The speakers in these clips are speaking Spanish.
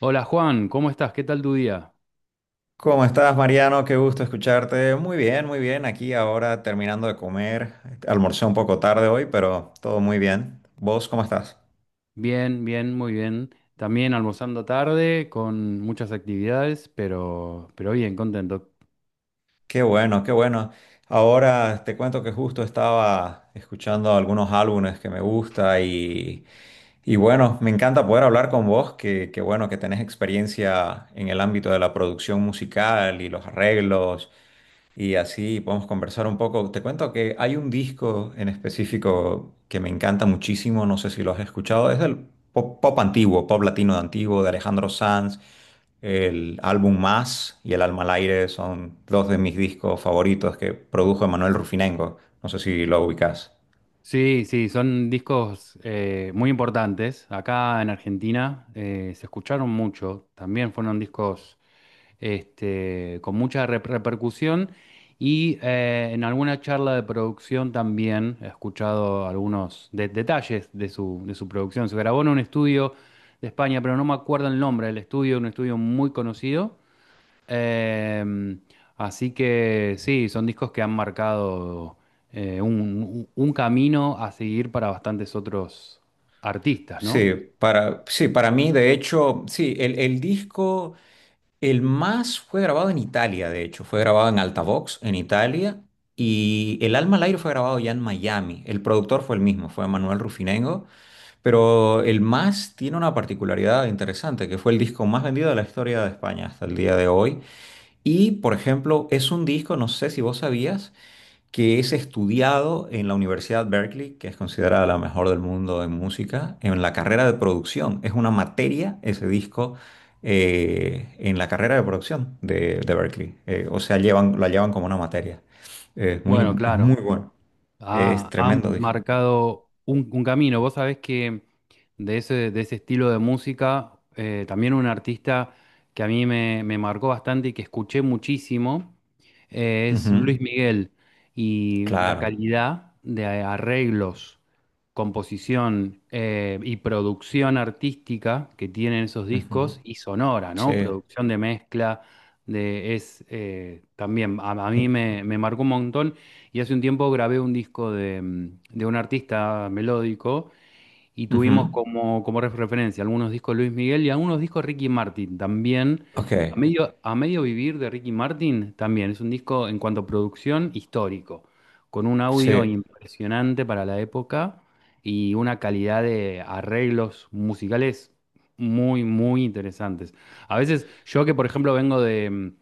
Hola Juan, ¿cómo estás? ¿Qué tal tu día? ¿Cómo estás, Mariano? Qué gusto escucharte. Muy bien, muy bien. Aquí ahora terminando de comer. Almorcé un poco tarde hoy, pero todo muy bien. ¿Vos cómo estás? Bien, bien, muy bien. También almorzando tarde con muchas actividades, pero bien, contento. Qué bueno, qué bueno. Ahora te cuento que justo estaba escuchando algunos álbumes que me gusta, y bueno, me encanta poder hablar con vos, que bueno que tenés experiencia en el ámbito de la producción musical y los arreglos. Y así podemos conversar un poco. Te cuento que hay un disco en específico que me encanta muchísimo, no sé si lo has escuchado, es del pop antiguo, pop latino de antiguo de Alejandro Sanz. El álbum Más y El alma al aire son dos de mis discos favoritos que produjo Emanuel Rufinengo. No sé si lo ubicas. Sí, sí, son discos muy importantes. Acá en Argentina se escucharon mucho. También fueron discos con mucha repercusión. Y en alguna charla de producción también he escuchado algunos detalles de su producción. Se grabó en un estudio de España, pero no me acuerdo el nombre del estudio, un estudio muy conocido. Eh, así que sí, son discos que han marcado un camino a seguir para bastantes otros artistas, ¿no? Sí, para mí, de hecho, sí, el disco El Más fue grabado en Italia, de hecho, fue grabado en Altavox, en Italia, y El Alma al Aire fue grabado ya en Miami. El productor fue el mismo, fue Manuel Rufinengo, pero El Más tiene una particularidad interesante, que fue el disco más vendido de la historia de España hasta el día de hoy. Y, por ejemplo, es un disco, no sé si vos sabías, que es estudiado en la Universidad Berkeley, que es considerada la mejor del mundo en música, en la carrera de producción. Es una materia ese disco en la carrera de producción de Berkeley. O sea, llevan, la llevan como una materia. Bueno, Es claro. muy bueno. Es Ah, tremendo han disco. marcado un camino. Vos sabés que de ese estilo de música, también un artista que a mí me marcó bastante y que escuché muchísimo, es Luis Ujú. Miguel. Y la Claro. calidad de arreglos, composición, y producción artística que tienen esos Ujú. discos y sonora, Sí. ¿no? Producción de mezcla, es también, a mí me marcó un montón. Y hace un tiempo grabé un disco de un artista melódico y tuvimos Ujú. como referencia algunos discos Luis Miguel y algunos discos Ricky Martin también. A Ok. medio, a medio vivir de Ricky Martin también. Es un disco en cuanto a producción histórico, con un audio Sí. impresionante para la época y una calidad de arreglos musicales muy, muy interesantes. A veces yo que, por ejemplo, vengo de, mm,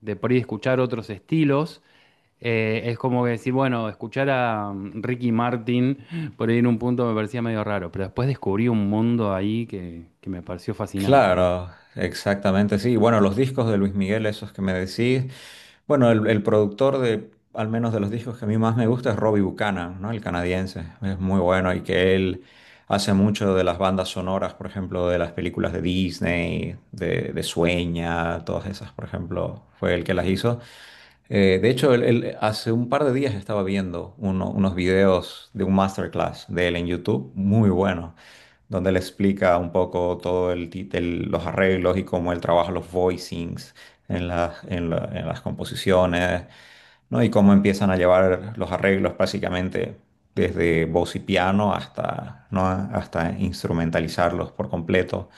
de por ahí escuchar otros estilos, es como que decir, bueno, escuchar a Ricky Martin por ahí en un punto me parecía medio raro, pero después descubrí un mundo ahí que me pareció fascinante. Claro, exactamente, sí. Bueno, los discos de Luis Miguel, esos que me decís. Bueno, el productor de, al menos de los discos que a mí más me gusta es Robbie Buchanan, ¿no? El canadiense. Es muy bueno y que él hace mucho de las bandas sonoras, por ejemplo, de las películas de Disney, de Sueña, todas esas, por ejemplo, fue el que las hizo. De hecho, él hace un par de días estaba viendo unos videos de un masterclass de él en YouTube, muy bueno, donde él explica un poco todo los arreglos y cómo él trabaja los voicings en en las composiciones. ¿No? Y cómo empiezan a llevar los arreglos básicamente desde voz y piano hasta, ¿no? hasta instrumentalizarlos por completo.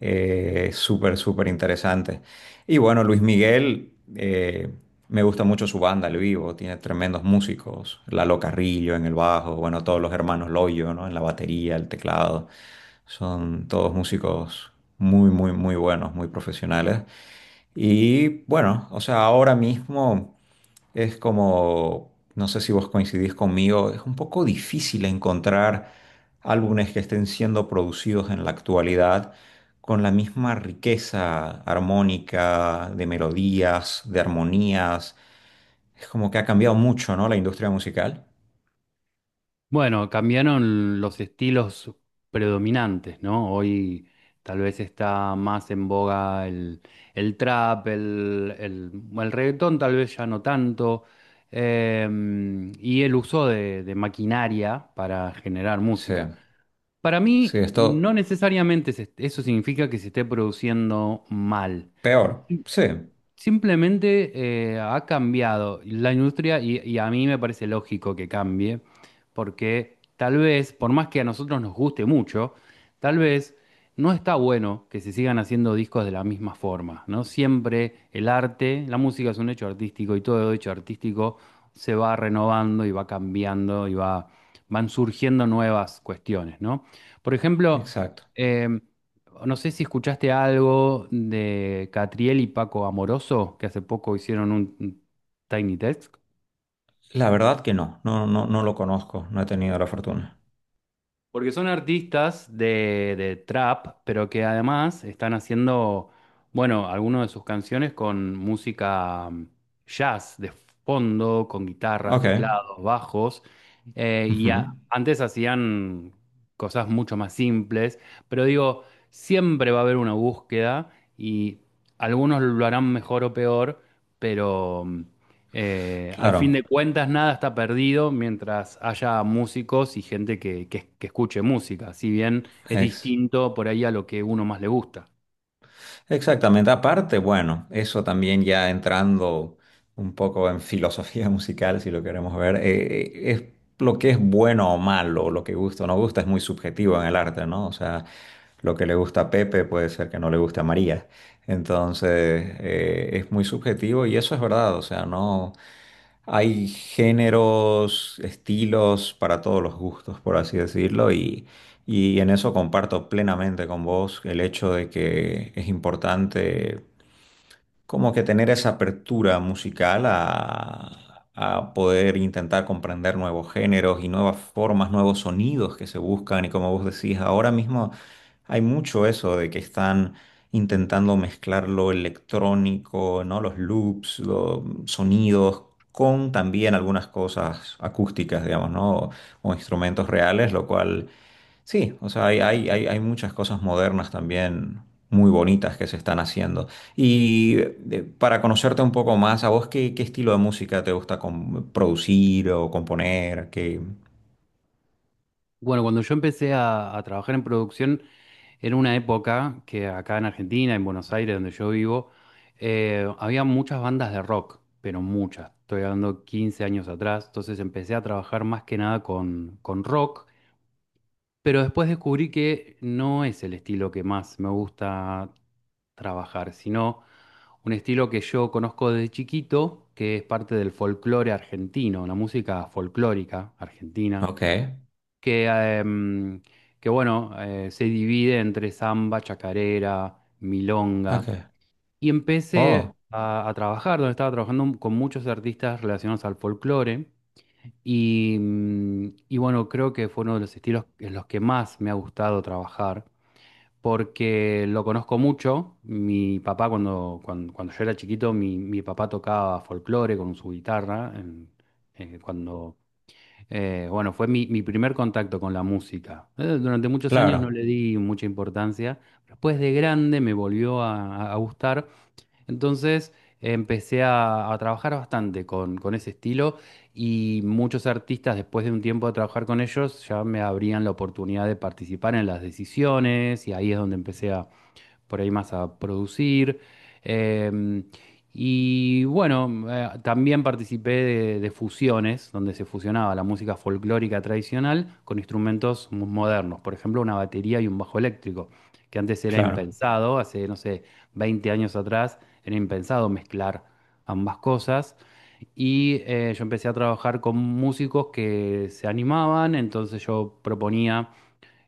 Súper, súper interesante. Y bueno, Luis Miguel, me gusta mucho su banda al vivo, tiene tremendos músicos, Lalo Carrillo en el bajo, bueno, todos los hermanos Loyo, ¿no? En la batería, el teclado, son todos músicos muy, muy, muy buenos, muy profesionales. Y bueno, o sea, ahora mismo es como, no sé si vos coincidís conmigo, es un poco difícil encontrar álbumes que estén siendo producidos en la actualidad con la misma riqueza armónica, de melodías, de armonías. Es como que ha cambiado mucho, ¿no? La industria musical. Bueno, cambiaron los estilos predominantes, ¿no? Hoy tal vez está más en boga el trap, bueno, el reggaetón tal vez ya no tanto, eh, y el uso de maquinaria para generar Sí, música. Para sí, mí, no esto necesariamente eso significa que se esté produciendo mal. peor. Sí, Simplemente ha cambiado la industria y a mí me parece lógico que cambie, porque tal vez, por más que a nosotros nos guste mucho, tal vez no está bueno que se sigan haciendo discos de la misma forma, ¿no? Siempre el arte, la música es un hecho artístico y todo hecho artístico se va renovando y va cambiando y van surgiendo nuevas cuestiones, ¿no? Por ejemplo, exacto. em, no sé si escuchaste algo de Catriel y Paco Amoroso, que hace poco hicieron un Tiny Desk. La verdad que no lo conozco, no he tenido la fortuna. Porque son artistas de trap, pero que además están haciendo, bueno, algunas de sus canciones con música jazz de fondo, con guitarras, Ok. teclados, bajos. eh, y Ujú. a- antes hacían cosas mucho más simples, pero digo, siempre va a haber una búsqueda y algunos lo harán mejor o peor, pero... mm, al fin de Claro, cuentas, nada está perdido mientras haya músicos y gente que escuche música, si bien es ex- distinto por ahí a lo que uno más le gusta. exactamente. Aparte, bueno, eso también ya entrando un poco en filosofía musical, si lo queremos ver, es lo que es bueno o malo, lo que gusta o no gusta, es muy subjetivo en el arte, ¿no? O sea, lo que le gusta a Pepe puede ser que no le guste a María. Entonces, es muy subjetivo y eso es verdad, o sea, no. Hay géneros, estilos para todos los gustos, por así decirlo, y en eso comparto plenamente con vos el hecho de que es importante como que tener esa apertura musical a poder intentar comprender nuevos géneros y nuevas formas, nuevos sonidos que se buscan. Y como vos decís, ahora mismo hay mucho eso de que están intentando mezclar lo electrónico, ¿no? Los loops, los sonidos. Con también algunas cosas acústicas, digamos, ¿no? O, instrumentos reales, lo cual sí, o sea, hay muchas cosas modernas también muy bonitas que se están haciendo. Y para conocerte un poco más, ¿a vos qué estilo de música te gusta producir o componer? ¿Qué? Bueno, cuando yo empecé a trabajar en producción, era una época que acá en Argentina, en Buenos Aires, donde yo vivo, había muchas bandas de rock, pero muchas. Estoy hablando 15 años atrás, entonces empecé a trabajar más que nada con rock. Pero después descubrí que no es el estilo que más me gusta trabajar, sino un estilo que yo conozco desde chiquito, que es parte del folclore argentino, la música folclórica argentina, Ok, que, em, que bueno, se divide entre samba, chacarera, milonga. ok. Y empecé Oh, a trabajar, donde estaba trabajando con muchos artistas relacionados al folclore. Y bueno, creo que fue uno de los estilos en los que más me ha gustado trabajar, porque lo conozco mucho. Mi papá, cuando yo era chiquito, mi papá tocaba folclore con su guitarra. Eh, cuando, bueno, fue mi primer contacto con la música. Durante muchos años no claro, le di mucha importancia. Después de grande me volvió a gustar, entonces empecé a trabajar bastante con ese estilo y muchos artistas después de un tiempo de trabajar con ellos ya me abrían la oportunidad de participar en las decisiones y ahí es donde empecé por ahí más a producir. Em, y bueno, también participé de fusiones, donde se fusionaba la música folclórica tradicional con instrumentos modernos, por ejemplo, una batería y un bajo eléctrico, que antes era claro. impensado, hace, no sé, 20 años atrás era impensado mezclar ambas cosas. Y yo empecé a trabajar con músicos que se animaban, entonces yo proponía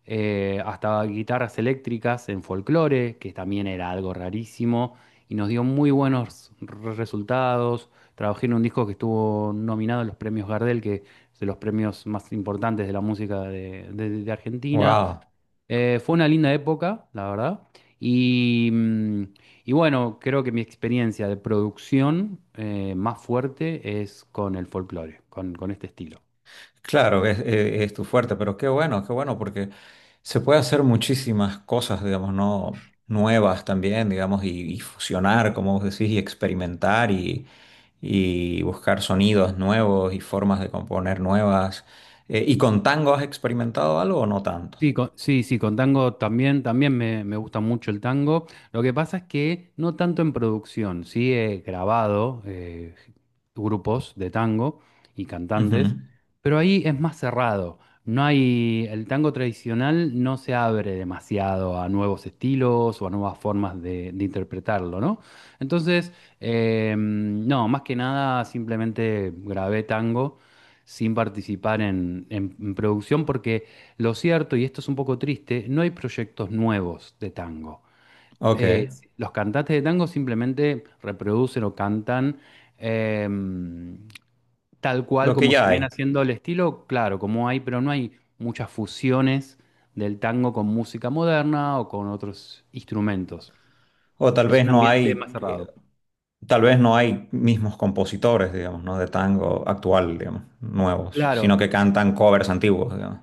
hasta guitarras eléctricas en folclore, que también era algo rarísimo, y nos dio muy buenos resultados. Trabajé en un disco que estuvo nominado a los premios Gardel, que es de los premios más importantes de la música de Argentina. Wow. Fue una linda época, la verdad. Y, mm, y bueno, creo que mi experiencia de producción más fuerte es con el folclore, con este estilo. Claro, es tu fuerte, pero qué bueno, porque se puede hacer muchísimas cosas, digamos, no nuevas también, digamos, y fusionar, como vos decís, y experimentar y buscar sonidos nuevos y formas de componer nuevas. ¿Y con tango has experimentado algo o no tanto? Sí, sí, sí, con tango también, también me gusta mucho el tango. Lo que pasa es que no tanto en producción, sí he grabado grupos de tango y cantantes, Ujú. pero ahí es más cerrado. No hay. El tango tradicional no se abre demasiado a nuevos estilos o a nuevas formas de interpretarlo, ¿no? Entonces, no, más que nada simplemente grabé tango sin participar en en producción porque. Lo cierto, y esto es un poco triste, no hay proyectos nuevos de tango. Ok, Eh, los cantantes de tango simplemente reproducen o cantan eh, tal cual lo que como se ya viene hay. haciendo el estilo, claro, como hay, pero no hay muchas fusiones del tango con música moderna o con otros instrumentos. O tal Es vez un no ambiente hay, más cerrado. tal vez no hay mismos compositores, digamos, ¿no? De tango actual, digamos, nuevos, Claro, sino que cantan covers antiguos, digamos.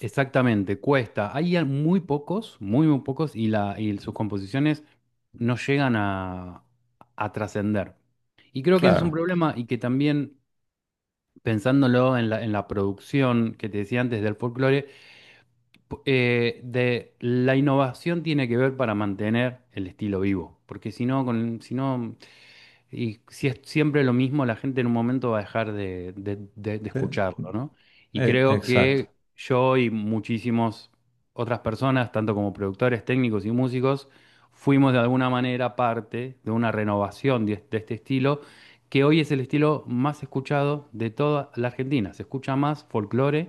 exactamente, cuesta. Hay muy pocos, muy, muy pocos, y sus composiciones no llegan a trascender. Y creo que ese es un Claro, problema y que también, pensándolo en la, producción que te decía antes del folclore, de la innovación tiene que ver para mantener el estilo vivo. Porque si no y si es siempre lo mismo, la gente en un momento va a dejar de eh, escucharlo, ¿no? Y creo exacto. que yo y muchísimas otras personas, tanto como productores, técnicos y músicos, fuimos de alguna manera parte de una renovación de este estilo, que hoy es el estilo más escuchado de toda la Argentina. Se escucha más folclore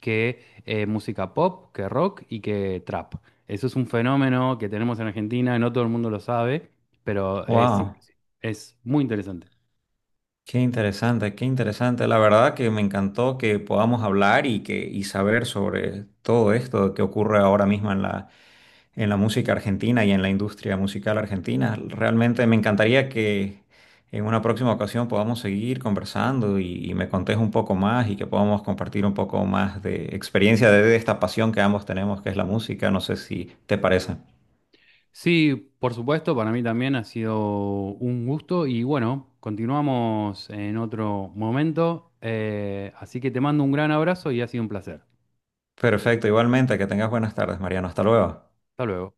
que música pop, que rock y que trap. Eso es un fenómeno que tenemos en Argentina, no todo el mundo lo sabe, pero es Wow, impresionante, es muy interesante. qué interesante, qué interesante. La verdad que me encantó que podamos hablar y que y saber sobre todo esto que ocurre ahora mismo en la música argentina y en la industria musical argentina. Realmente me encantaría que en una próxima ocasión podamos seguir conversando y me contés un poco más y que podamos compartir un poco más de experiencia de esta pasión que ambos tenemos, que es la música. No sé si te parece. Sí, por supuesto, para mí también ha sido un gusto y bueno, continuamos en otro momento. Así que te mando un gran abrazo y ha sido un placer. Perfecto, igualmente, que tengas buenas tardes, Mariano. Hasta luego. Hasta luego.